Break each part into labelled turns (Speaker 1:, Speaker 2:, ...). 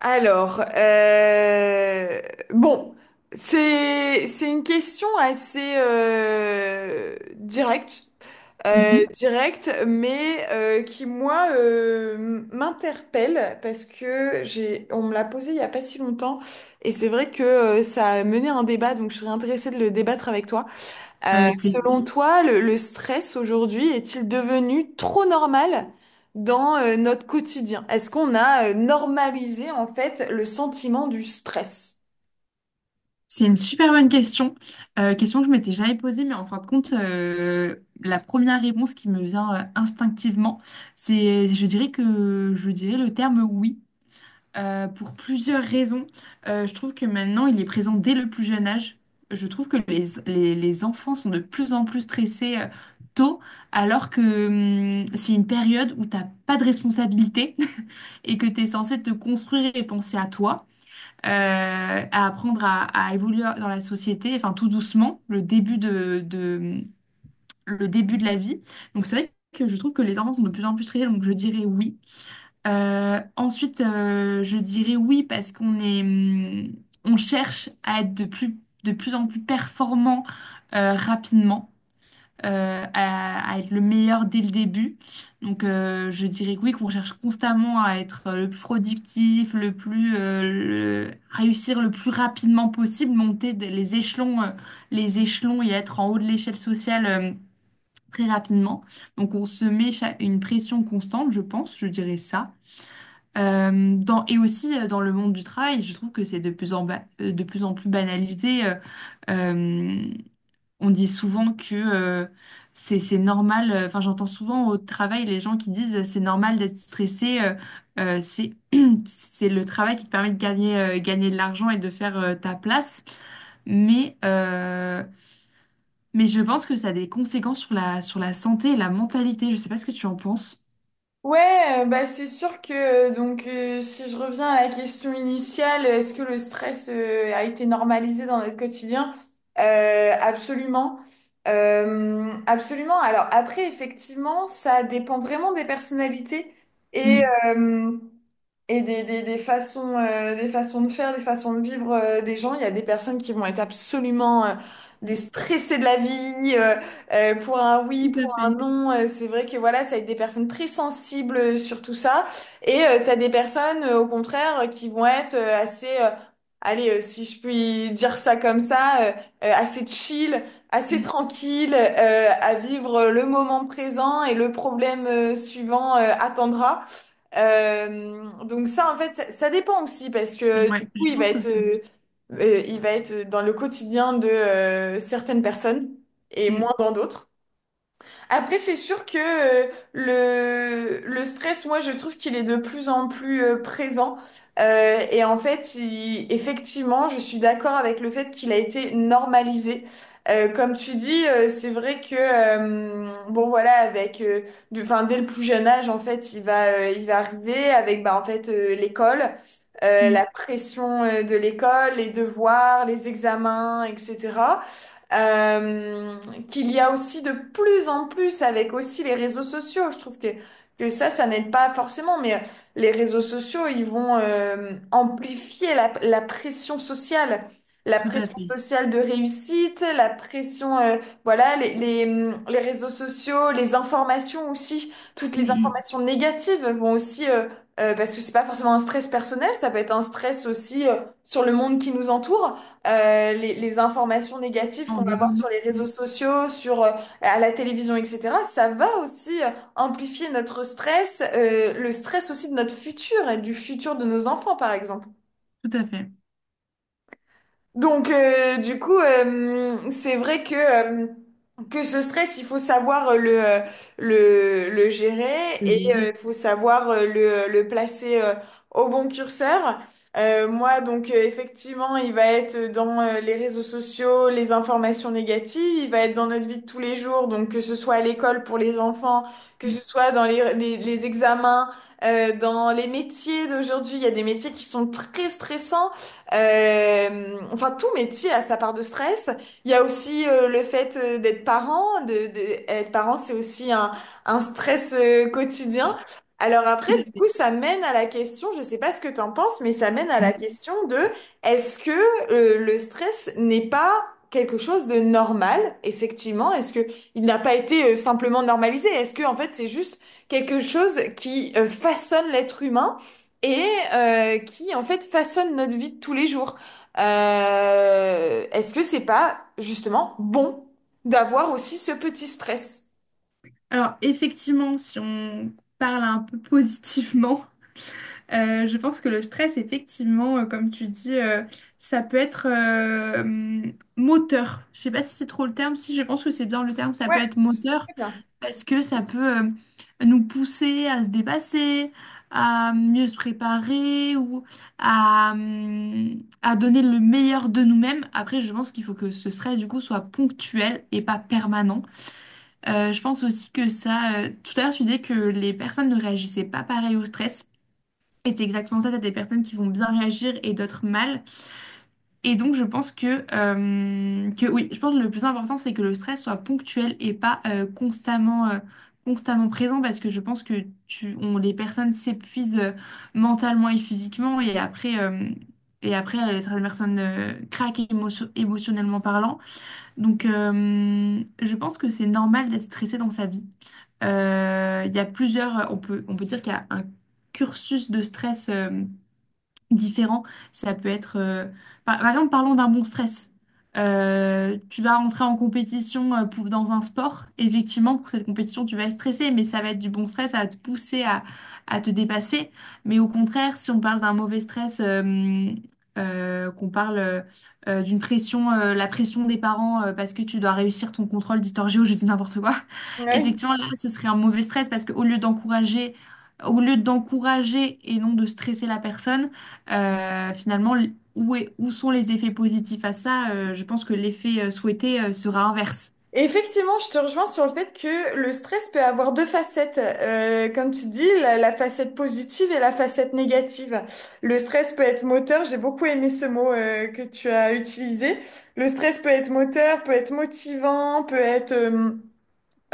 Speaker 1: Alors, euh, bon, c'est une question assez directe,
Speaker 2: Mhm.
Speaker 1: directe, mais qui moi m'interpelle parce que j'ai on me l'a posée il y a pas si longtemps et c'est vrai que ça a mené un débat, donc je serais intéressée de le débattre avec toi.
Speaker 2: Avec
Speaker 1: Selon
Speaker 2: plaisir.
Speaker 1: toi, le stress aujourd'hui est-il devenu trop normal dans notre quotidien? Est-ce qu'on a normalisé en fait le sentiment du stress?
Speaker 2: C'est une super bonne question. Question que je m'étais jamais posée, mais en fin de compte, la première réponse qui me vient instinctivement, c'est, je dirais le terme oui, pour plusieurs raisons. Je trouve que maintenant, il est présent dès le plus jeune âge. Je trouve que les enfants sont de plus en plus stressés tôt, alors que c'est une période où tu n'as pas de responsabilité et que tu es censé te construire et penser à toi. euh, à apprendre à évoluer dans la société, enfin tout doucement, le début de la vie. Donc c'est vrai que je trouve que les enfants sont de plus en plus triés, donc je dirais oui. Ensuite, je dirais oui parce qu'on cherche à être de plus en plus performant rapidement à être le meilleur dès le début. Donc, je dirais que oui, qu'on cherche constamment à être le plus productif, réussir le plus rapidement possible, monter les échelons et être en haut de l'échelle sociale très rapidement. Donc, on se met une pression constante, je pense, je dirais ça. Et aussi dans le monde du travail, je trouve que c'est de plus en plus banalisé. Euh, on dit souvent que c'est normal, enfin j'entends souvent au travail les gens qui disent c'est normal d'être stressé, c'est c'est le travail qui te permet de gagner de l'argent et de faire ta place. Mais, euh, mais je pense que ça a des conséquences sur la santé et la mentalité. Je sais pas ce que tu en penses.
Speaker 1: Ouais, bah c'est sûr que si je reviens à la question initiale, est-ce que le stress a été normalisé dans notre quotidien? Euh, absolument, Absolument. Alors après, effectivement, ça dépend vraiment des personnalités et
Speaker 2: Mm.
Speaker 1: euh, Et des, des façons de faire, des façons de vivre des gens. Il y a des personnes qui vont être absolument des
Speaker 2: Mm.
Speaker 1: stressés de la vie pour un oui,
Speaker 2: Tout à
Speaker 1: pour un
Speaker 2: fait.
Speaker 1: non. C'est vrai que voilà, ça va être des personnes très sensibles sur tout ça. Et tu as des personnes, au contraire, qui vont être assez, si je puis dire ça comme ça, assez chill, assez
Speaker 2: Mm.
Speaker 1: tranquille, à vivre le moment présent et le problème suivant attendra. Donc ça, en fait, ça dépend aussi parce que du
Speaker 2: Ouais,
Speaker 1: coup,
Speaker 2: je pense aussi.
Speaker 1: il va être dans le quotidien de certaines personnes et moins
Speaker 2: Mm.
Speaker 1: dans d'autres. Après, c'est sûr que le stress, moi, je trouve qu'il est de plus en plus présent. Et en fait, effectivement, je suis d'accord avec le fait qu'il a été normalisé. Comme tu dis, c'est vrai que, voilà, enfin, dès le plus jeune âge, en fait, il va arriver avec, en fait, l'école,
Speaker 2: Mm.
Speaker 1: la pression, de l'école, les devoirs, les examens, etc. Euh, Qu'il y a aussi de plus en plus avec aussi les réseaux sociaux. Je trouve que ça n'aide pas forcément, mais les réseaux sociaux, ils vont amplifier la pression sociale. La
Speaker 2: Tout à
Speaker 1: pression
Speaker 2: fait.
Speaker 1: sociale de réussite, la pression, voilà, les réseaux sociaux, les informations aussi, toutes
Speaker 2: Mm,
Speaker 1: les
Speaker 2: mm.
Speaker 1: informations négatives vont aussi, parce que c'est pas forcément un stress personnel, ça peut être un stress aussi sur le monde qui nous entoure les informations négatives qu'on va voir sur
Speaker 2: Environnant.
Speaker 1: les réseaux
Speaker 2: Mm.
Speaker 1: sociaux, à la télévision, etc., ça va aussi amplifier notre stress, le stress aussi de notre futur et du futur de nos enfants, par exemple.
Speaker 2: Tout à fait.
Speaker 1: Donc, c'est vrai que ce stress, il faut savoir le gérer
Speaker 2: Je
Speaker 1: et
Speaker 2: dirais.
Speaker 1: il faut savoir le placer au bon curseur. Effectivement, il va être dans les réseaux sociaux, les informations négatives, il va être dans notre vie de tous les jours, donc que ce soit à l'école pour les enfants, que
Speaker 2: Mm.
Speaker 1: ce soit dans les, les examens, dans les métiers d'aujourd'hui, il y a des métiers qui sont très stressants. Enfin, tout métier a sa part de stress. Il y a aussi le fait d'être parent. Être parent, c'est aussi un stress quotidien. Alors après,
Speaker 2: Tout
Speaker 1: du
Speaker 2: à
Speaker 1: coup, ça mène à la question, je sais pas ce que t'en penses, mais ça mène à la
Speaker 2: fait.
Speaker 1: question de est-ce que le stress n'est pas quelque chose de normal, effectivement? Est-ce que il n'a pas été simplement normalisé? Est-ce que en fait, c'est juste quelque chose qui façonne l'être humain? Et qui en fait façonne notre vie de tous les jours. Est-ce que c'est pas justement bon d'avoir aussi ce petit stress?
Speaker 2: Alors effectivement, si on parle un peu positivement, je pense que le stress, effectivement, comme tu dis, ça peut être moteur. Je sais pas si c'est trop le terme, si je pense que c'est bien le terme, ça
Speaker 1: Ouais,
Speaker 2: peut être
Speaker 1: c'est
Speaker 2: moteur
Speaker 1: très bien.
Speaker 2: parce que ça peut nous pousser à se dépasser, à mieux se préparer ou à donner le meilleur de nous-mêmes. Après, je pense qu'il faut que ce stress, du coup, soit ponctuel et pas permanent. Je pense aussi que ça. Tout à l'heure, tu disais que les personnes ne réagissaient pas pareil au stress. Et c'est exactement ça. T'as des personnes qui vont bien réagir et d'autres mal. Et donc, je pense que oui, je pense que le plus important, c'est que le stress soit ponctuel et pas constamment présent. Parce que je pense que les personnes s'épuisent mentalement et physiquement. Et après, certaines personnes craquent émotionnellement parlant. Donc, je pense que c'est normal d'être stressé dans sa vie. Il y a on peut dire qu'il y a un cursus de stress différents. Ça peut être, par exemple, parlons d'un bon stress. Tu vas rentrer en compétition dans un sport. Effectivement, pour cette compétition, tu vas être stressé, mais ça va être du bon stress, ça va te pousser à te dépasser. Mais au contraire, si on parle d'un mauvais stress, qu'on parle d'une pression, la pression des parents parce que tu dois réussir ton contrôle d'histoire géo, je dis n'importe quoi.
Speaker 1: Oui.
Speaker 2: Effectivement, là, ce serait un mauvais stress parce qu'au lieu d'encourager et non de stresser la personne, finalement, où sont les effets positifs à ça? Je pense que l'effet souhaité sera inverse.
Speaker 1: Effectivement, je te rejoins sur le fait que le stress peut avoir deux facettes. Comme tu dis, la facette positive et la facette négative. Le stress peut être moteur, j'ai beaucoup aimé ce mot que tu as utilisé. Le stress peut être moteur, peut être motivant, peut être... euh,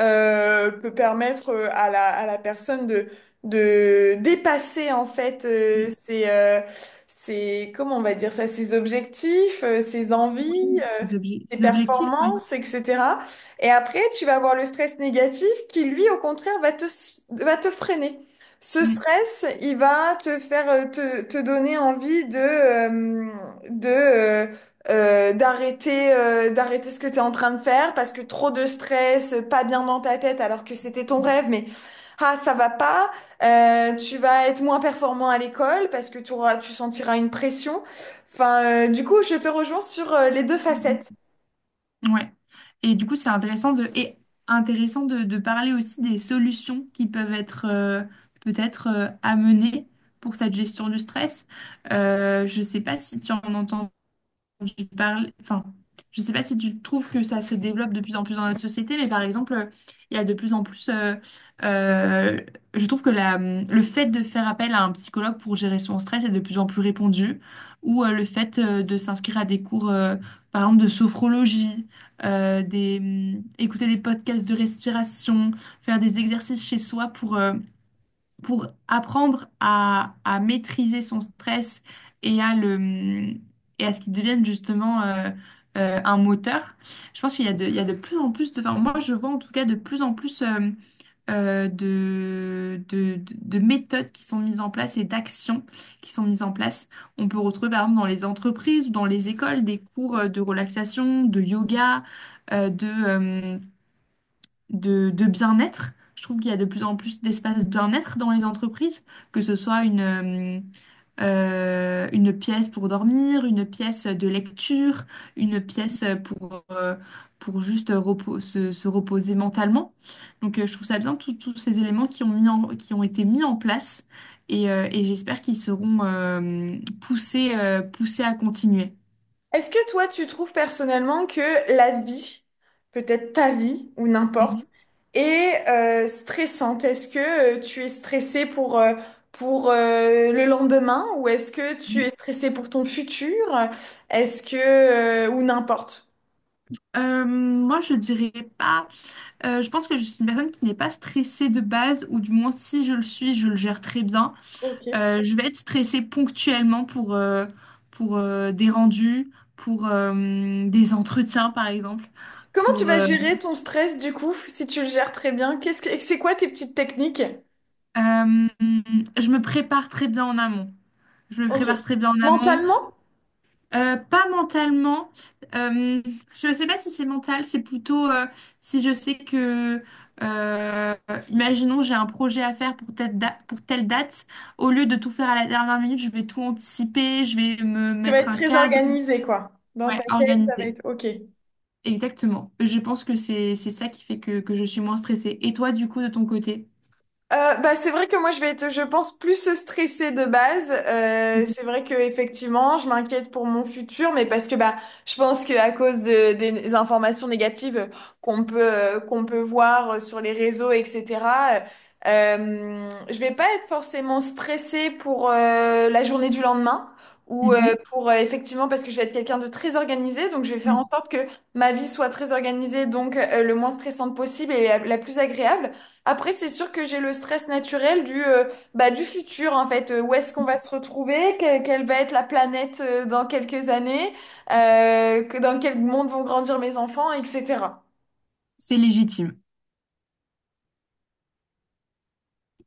Speaker 1: euh, peut permettre à la personne de dépasser en fait
Speaker 2: Oui,
Speaker 1: comment on va dire ça, ses objectifs, ses envies tes
Speaker 2: les objectifs, oui.
Speaker 1: performances, etc. Et après, tu vas avoir le stress négatif qui, lui, au contraire, va te freiner. Ce
Speaker 2: Mm.
Speaker 1: stress, il va te faire, te donner envie de, de, euh, d'arrêter, d'arrêter ce que tu es en train de faire parce que trop de stress, pas bien dans ta tête alors que c'était ton rêve, mais ah, ça va pas. Tu vas être moins performant à l'école parce que tu auras, tu sentiras une pression. Enfin, du coup, je te rejoins sur les deux
Speaker 2: Mm.
Speaker 1: facettes.
Speaker 2: Ouais. Et du coup, c'est intéressant de parler aussi des solutions qui peuvent être peut-être amenées pour cette gestion du stress. Je ne sais pas si tu en entends. Enfin, je sais pas si tu trouves que ça se développe de plus en plus dans notre société, mais par exemple, il y a de plus en plus, euh, je trouve que le fait de faire appel à un psychologue pour gérer son stress est de plus en plus répandu, ou le fait de s'inscrire à des cours, par exemple, de sophrologie, écouter des podcasts de respiration, faire des exercices chez soi pour apprendre à maîtriser son stress et et à ce qu'il devienne justement un moteur. Je pense qu'il y a de plus en plus enfin, moi je vois en tout cas de plus en plus de méthodes qui sont mises en place et d'actions qui sont mises en place. On peut retrouver par exemple dans les entreprises ou dans les écoles des cours de relaxation, de yoga, euh, de, euh, de bien-être. Je trouve qu'il y a de plus en plus d'espaces bien-être dans les entreprises, que ce soit une pièce pour dormir, une pièce de lecture, une pièce pour juste se reposer mentalement. Donc je trouve ça bien, tous ces éléments qui ont qui ont été mis en place et j'espère qu'ils seront poussés à continuer.
Speaker 1: Est-ce que toi, tu trouves personnellement que la vie, peut-être ta vie ou n'importe, est stressante? Est-ce que tu es stressé pour, le lendemain ou est-ce que tu es
Speaker 2: Mhm.
Speaker 1: stressé pour ton futur? Est-ce que... ou n'importe.
Speaker 2: Moi, je dirais pas. Je pense que je suis une personne qui n'est pas stressée de base, ou du moins si je le suis, je le gère très bien.
Speaker 1: Ok.
Speaker 2: Je vais être stressée ponctuellement pour des rendus, pour des entretiens par exemple.
Speaker 1: Comment tu
Speaker 2: Pour,
Speaker 1: vas
Speaker 2: euh,
Speaker 1: gérer ton stress du coup, si tu le gères très bien? C'est quoi tes petites techniques?
Speaker 2: euh, je me prépare très bien en amont. Je me
Speaker 1: Ok.
Speaker 2: prépare très bien en amont.
Speaker 1: Mentalement,
Speaker 2: Pas mentalement. Euh, je ne sais pas si c'est mental, c'est plutôt si je sais que, euh, imaginons, j'ai un projet à faire pour telle date, au lieu de tout faire à la dernière minute, je vais tout anticiper, je vais me
Speaker 1: tu vas
Speaker 2: mettre
Speaker 1: être
Speaker 2: un
Speaker 1: très
Speaker 2: cadre,
Speaker 1: organisé, quoi. Dans
Speaker 2: ouais,
Speaker 1: ta tête, ça va
Speaker 2: organiser.
Speaker 1: être ok.
Speaker 2: Exactement. Je pense que c'est ça qui fait que je suis moins stressée. Et toi, du coup, de ton côté?
Speaker 1: C'est vrai que moi je vais être, je pense, plus stressée de base. C'est vrai que effectivement, je m'inquiète pour mon futur, mais parce que je pense que des informations négatives qu'on peut voir sur les réseaux, etc. Je vais pas être forcément stressée pour la journée du lendemain ou
Speaker 2: Mhm.
Speaker 1: pour effectivement parce que je vais être quelqu'un de très organisé, donc je vais faire en
Speaker 2: Mhm.
Speaker 1: sorte que ma vie soit très organisée, donc le moins stressante possible et la plus agréable. Après, c'est sûr que j'ai le stress naturel du futur, en fait. Où est-ce qu'on va se retrouver? Quelle va être la planète, dans quelques années? Dans quel monde vont grandir mes enfants, etc.
Speaker 2: C'est légitime.